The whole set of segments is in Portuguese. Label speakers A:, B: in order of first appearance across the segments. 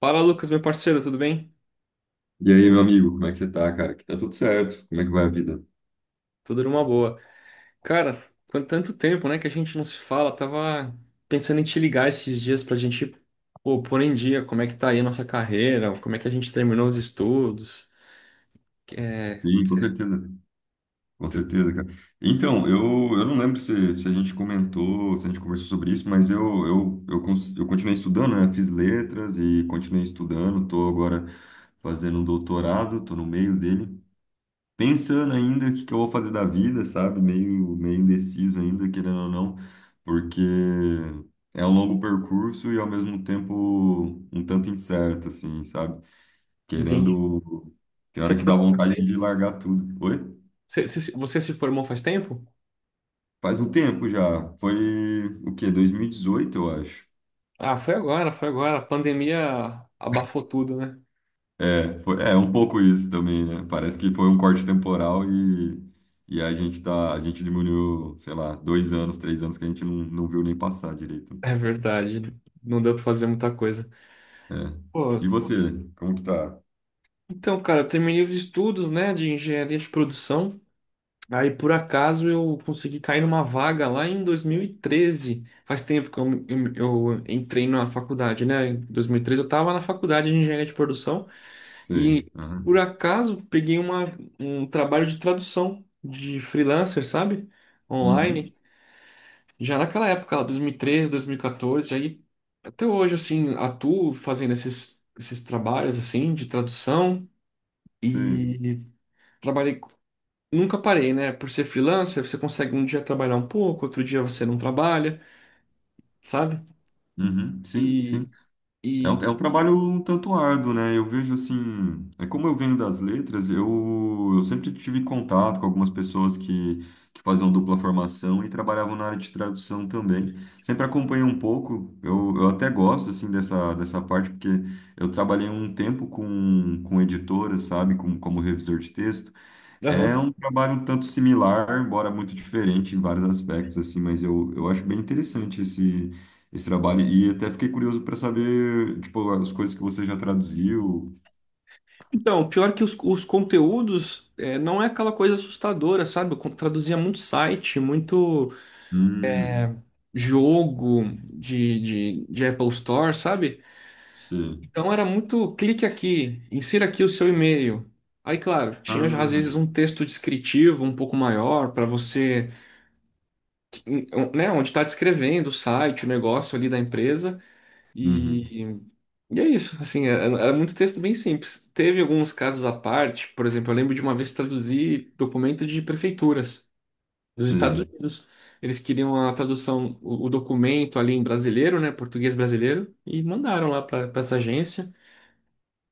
A: Fala, Lucas, meu parceiro, tudo bem?
B: E aí, meu amigo, como é que você tá, cara? Que tá tudo certo? Como é que vai a vida?
A: Tudo numa boa. Cara, quanto tanto tempo, né, que a gente não se fala. Tava pensando em te ligar esses dias pra gente, pô, pôr em dia como é que tá aí a nossa carreira, como é que a gente terminou os estudos. É,
B: Sim,
A: cê-
B: com
A: tu-
B: certeza, cara. Então, eu não lembro se a gente comentou, se a gente conversou sobre isso, mas eu continuei estudando, né? Fiz letras e continuei estudando, tô agora fazendo um doutorado, tô no meio dele, pensando ainda o que que eu vou fazer da vida, sabe? Meio, meio indeciso ainda, querendo ou não, porque é um longo percurso e ao mesmo tempo um tanto incerto, assim, sabe?
A: entende?
B: Querendo. Tem
A: Você
B: hora que dá
A: formou faz
B: vontade
A: tempo?
B: de largar tudo. Oi?
A: Cê- cê se- Você se formou faz tempo?
B: Faz um tempo já. Foi o quê? 2018 eu acho.
A: Ah, foi agora, foi agora. A pandemia abafou tudo, né?
B: É, foi, é um pouco isso também, né? Parece que foi um corte temporal e a gente diminuiu, sei lá, 2 anos, 3 anos que a gente não viu nem passar direito.
A: É verdade. Não deu pra fazer muita coisa.
B: É.
A: Pô,
B: E você, como que tá?
A: então, cara, eu terminei os estudos, né, de engenharia de produção. Aí, por acaso, eu consegui cair numa vaga lá em 2013. Faz tempo que eu entrei na faculdade, né? Em 2013 eu estava na faculdade de engenharia de produção
B: Sei.
A: e, por
B: Aham.
A: acaso, peguei um trabalho de tradução de freelancer, sabe? Online.
B: Uhum.
A: Já naquela época, lá, 2013, 2014. Aí, até hoje, assim, atuo fazendo esses trabalhos, assim, de tradução.
B: Sei.
A: E trabalhei, nunca parei, né? Por ser freelancer, você consegue um dia trabalhar um pouco, outro dia você não trabalha, sabe?
B: Uhum. Sim, sim.
A: E,
B: É um,
A: e,
B: é um trabalho um tanto árduo, né? Eu vejo assim, é como eu venho das letras, eu sempre tive contato com algumas pessoas que faziam dupla formação e trabalhavam na área de tradução também. Sempre acompanhei um pouco, eu até gosto assim dessa parte, porque eu trabalhei um tempo com editoras, sabe? Como revisor de texto. É
A: aham.
B: um trabalho um tanto similar, embora muito diferente em vários aspectos, assim, mas eu acho bem interessante esse trabalho. E até fiquei curioso para saber, tipo, as coisas que você já traduziu.
A: Então, pior que os conteúdos, é, não é aquela coisa assustadora, sabe? Traduzia muito site, muito
B: Hum,
A: jogo de Apple Store, sabe?
B: sei.
A: Então era muito clique aqui, insira aqui o seu e-mail. Aí, claro, tinha às
B: Ah,
A: vezes um texto descritivo um pouco maior para você, né, onde está descrevendo o site, o negócio ali da empresa.
B: uhum,
A: E, e é isso, assim, era muito texto bem simples. Teve alguns casos à parte, por exemplo, eu lembro de uma vez traduzir documento de prefeituras dos Estados
B: sei.
A: Unidos. Eles queriam a tradução, o documento ali em brasileiro, né, português brasileiro, e mandaram lá para essa agência,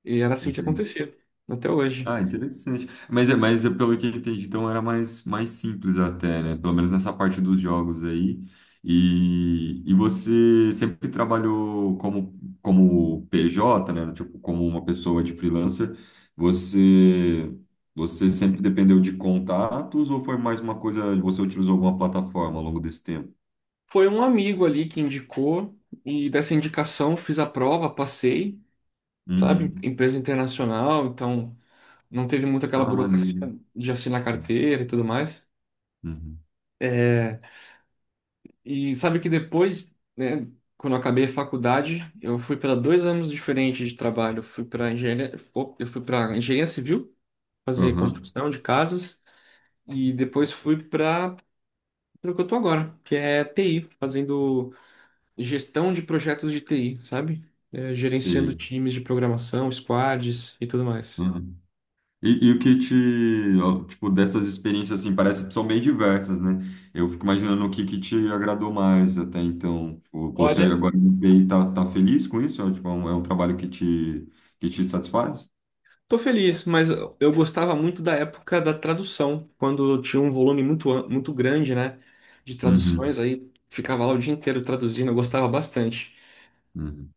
A: e era assim que
B: Entendi.
A: acontecia, até hoje.
B: Ah, interessante. Mas eu, pelo que eu entendi, então era mais simples até, né? Pelo menos nessa parte dos jogos aí. E você sempre trabalhou como PJ, né? Tipo, como uma pessoa de freelancer. Você, você sempre dependeu de contatos ou foi mais uma coisa, você utilizou alguma plataforma ao longo desse tempo?
A: Foi um amigo ali que indicou, e dessa indicação fiz a prova, passei, sabe,
B: Uhum.
A: empresa internacional, então não teve muito aquela
B: Ah,
A: burocracia
B: maneiro.
A: de assinar carteira e tudo mais.
B: Uhum.
A: É, e sabe que depois, né, quando eu acabei a faculdade, eu fui para dois anos diferentes de trabalho. Eu fui para engenharia, eu fui para engenharia civil, fazer
B: Aham.
A: construção de casas, e depois fui para o que eu tô agora, que é TI, fazendo gestão de projetos de TI, sabe? É, gerenciando
B: Sei.
A: times de programação, squads e tudo mais.
B: E o que te, ó, tipo, dessas experiências, assim, parece que são bem diversas, né? Eu fico imaginando o que que te agradou mais até então. Tipo, você
A: Olha,
B: agora no TI tá feliz com isso? É, tipo, é um trabalho que te satisfaz?
A: tô feliz, mas eu gostava muito da época da tradução, quando tinha um volume muito, muito grande, né, de
B: Uhum,
A: traduções, aí ficava lá o dia inteiro traduzindo, eu gostava bastante.
B: uhum,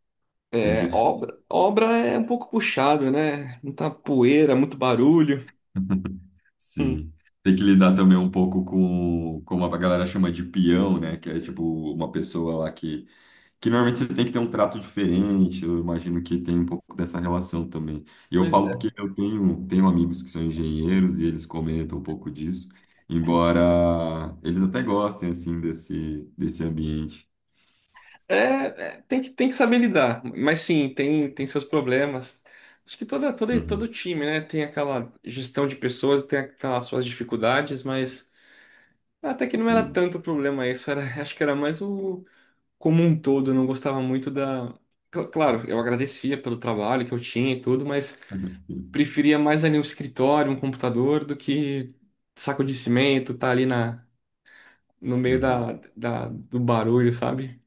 A: É,
B: entendi.
A: obra é um pouco puxada, né? Muita poeira, muito barulho. Hum,
B: Sim. Tem que lidar também um pouco como a galera chama de peão, né? Que é, tipo, uma pessoa lá Que normalmente você tem que ter um trato diferente, eu imagino que tem um pouco dessa relação também. E eu
A: Pois
B: falo porque
A: é.
B: eu tenho amigos que são engenheiros e eles comentam um pouco disso, embora eles até gostem, assim, desse ambiente.
A: É, tem que saber lidar, mas sim, tem, tem seus problemas. Acho que todo
B: Uhum,
A: time, né, tem aquela gestão de pessoas, tem aquelas suas dificuldades, mas até que não era
B: sim.
A: tanto problema isso, era, acho que era mais o como um todo, eu não gostava muito da. Claro, eu agradecia pelo trabalho que eu tinha e tudo, mas
B: Uhum,
A: preferia mais ali um escritório, um computador, do que saco de cimento, tá ali na, no meio
B: Uhum.
A: do barulho, sabe?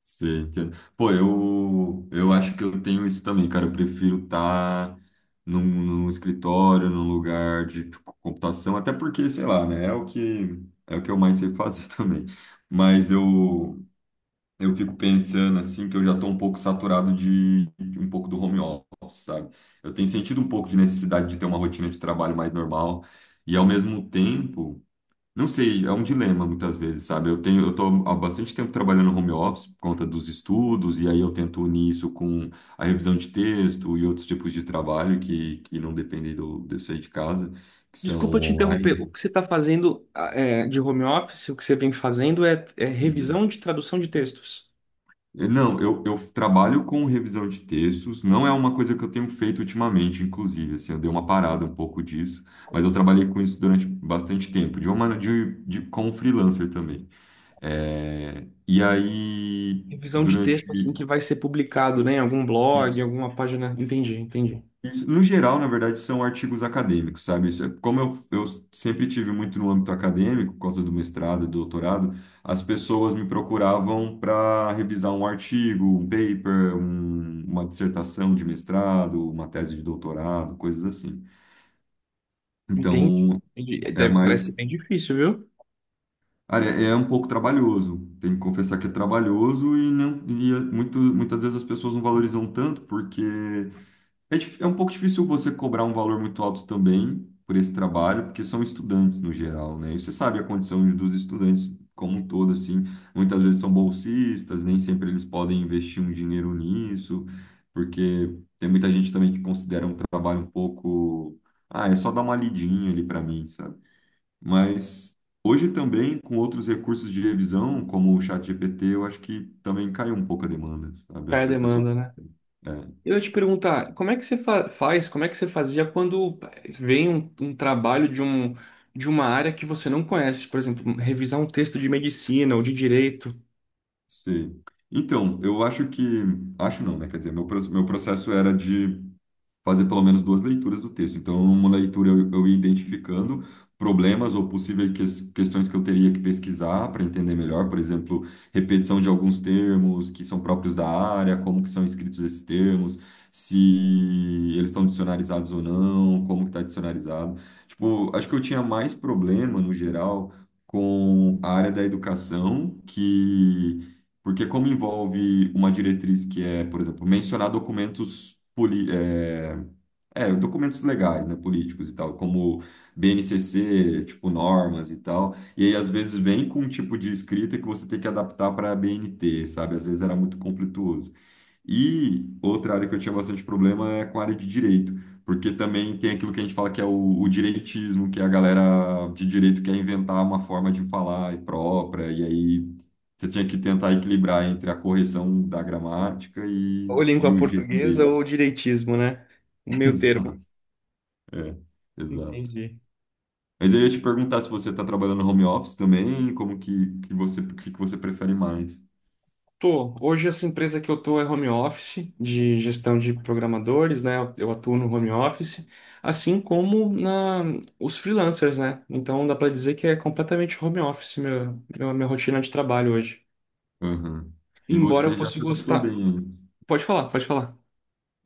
B: Sim, entendo. Pô, eu acho que eu tenho isso também, cara. Eu prefiro estar num escritório, num lugar de tipo, computação, até porque, sei lá, né? É o que eu mais sei fazer também. Mas eu fico pensando, assim, que eu já tô um pouco saturado de um pouco do home office, sabe? Eu tenho sentido um pouco de necessidade de ter uma rotina de trabalho mais normal. E, ao mesmo tempo. Não sei, é um dilema muitas vezes, sabe? Eu tô há bastante tempo trabalhando no home office por conta dos estudos, e aí eu tento unir isso com a revisão de texto e outros tipos de trabalho que não dependem de eu sair de casa, que são
A: Desculpa te interromper. O
B: online.
A: que você está fazendo, ah, é, de home office, o que você vem fazendo é, é
B: Uhum.
A: revisão de tradução de textos.
B: Não, eu trabalho com revisão de textos, não é uma coisa que eu tenho feito ultimamente, inclusive, assim, eu dei uma parada um pouco disso, mas eu trabalhei com isso durante bastante tempo, de uma maneira de como freelancer também. É, e aí,
A: Revisão de
B: durante
A: texto, assim, que vai ser publicado, né, em algum blog,
B: Isso,
A: alguma página. Entendi, entendi.
B: isso. No geral, na verdade, são artigos acadêmicos, sabe? Como eu sempre tive muito no âmbito acadêmico, por causa do mestrado e do doutorado, as pessoas me procuravam para revisar um artigo, um paper, uma dissertação de mestrado, uma tese de doutorado, coisas assim.
A: Entendi,
B: Então,
A: entendi. É,
B: é
A: parece
B: mais.
A: bem difícil, viu?
B: Olha, é um pouco trabalhoso, tenho que confessar que é trabalhoso e, não, e é muitas vezes as pessoas não valorizam tanto porque é um pouco difícil você cobrar um valor muito alto também por esse trabalho, porque são estudantes no geral, né? E você sabe a condição dos estudantes como um todo, assim. Muitas vezes são bolsistas, nem sempre eles podem investir um dinheiro nisso, porque tem muita gente também que considera um trabalho um pouco. Ah, é só dar uma lidinha ali para mim, sabe? Mas hoje também, com outros recursos de revisão, como o ChatGPT, eu acho que também caiu um pouco a demanda, sabe? Acho
A: Cai a
B: que as pessoas.
A: demanda, né?
B: É.
A: Eu ia te perguntar, como é que você faz, como é que você fazia quando vem um trabalho de, um, de uma área que você não conhece? Por exemplo, revisar um texto de medicina ou de direito.
B: Sim. Então, eu acho que. Acho não, né? Quer dizer, meu processo era de fazer pelo menos duas leituras do texto. Então, uma leitura eu ia identificando problemas ou possíveis questões que eu teria que pesquisar para entender melhor, por exemplo, repetição de alguns termos que são próprios da área, como que são escritos esses termos, se eles estão dicionarizados ou não, como que está dicionarizado. Tipo, acho que eu tinha mais problema, no geral, com a área da educação, que porque como envolve uma diretriz que é, por exemplo, mencionar documentos poli- é, é, documentos legais, né, políticos e tal, como BNCC, tipo normas e tal, e aí às vezes vem com um tipo de escrita que você tem que adaptar para a BNT, sabe? Às vezes era muito conflituoso. E outra área que eu tinha bastante problema é com a área de direito, porque também tem aquilo que a gente fala que é o direitismo, que a galera de direito quer inventar uma forma de falar própria, e aí você tinha que tentar equilibrar entre a correção da gramática
A: Ou
B: e
A: língua
B: o jeito
A: portuguesa
B: dele.
A: ou direitismo, né? O meio termo.
B: Exato. É, exato.
A: Entendi.
B: Mas eu ia te perguntar se você está trabalhando no home office também, como que você, o que que você prefere mais?
A: Tô. Hoje essa empresa que eu tô é home office, de gestão de programadores, né? Eu atuo no home office, assim como na os freelancers, né? Então dá pra dizer que é completamente home office meu, minha rotina de trabalho hoje.
B: Aham. E
A: Embora eu
B: você já
A: fosse
B: se adaptou
A: gostar.
B: bem aí.
A: Pode falar, pode falar.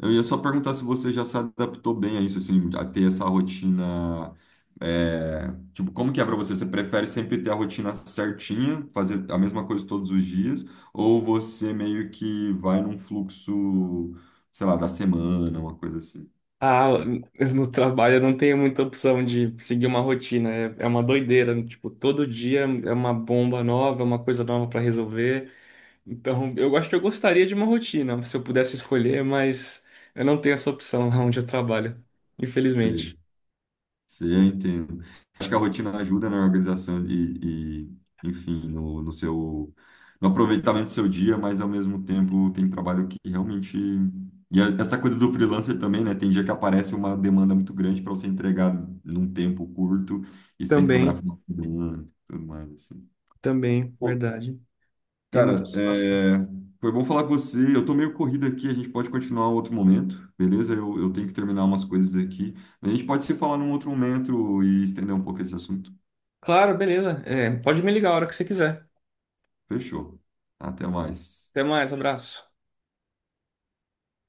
B: Eu ia só perguntar se você já se adaptou bem a isso, assim, a ter essa rotina. É, tipo, como que é pra você? Você prefere sempre ter a rotina certinha, fazer a mesma coisa todos os dias, ou você meio que vai num fluxo, sei lá, da semana, uma coisa assim?
A: Ah, no trabalho eu não tenho muita opção de seguir uma rotina. É, é uma doideira. Tipo, todo dia é uma bomba nova, é uma coisa nova para resolver. Então, eu acho que eu gostaria de uma rotina, se eu pudesse escolher, mas eu não tenho essa opção lá onde eu trabalho,
B: Sim,
A: infelizmente.
B: sim, eu entendo. Acho que a rotina ajuda na organização e, enfim, no aproveitamento do seu dia, mas ao mesmo tempo tem trabalho que realmente. E essa coisa do freelancer também, né? Tem dia que aparece uma demanda muito grande para você entregar num tempo curto e você tem que trabalhar
A: Também,
B: final de semana, tudo mais, assim.
A: também, verdade. Tem muita
B: Cara,
A: situação.
B: é, foi bom falar com você. Eu tô meio corrido aqui, a gente pode continuar em outro momento, beleza? Eu tenho que terminar umas coisas aqui. A gente pode se falar num outro momento e estender um pouco esse assunto.
A: Claro, beleza. É, pode me ligar a hora que você quiser.
B: Fechou. Até mais.
A: Até mais, abraço.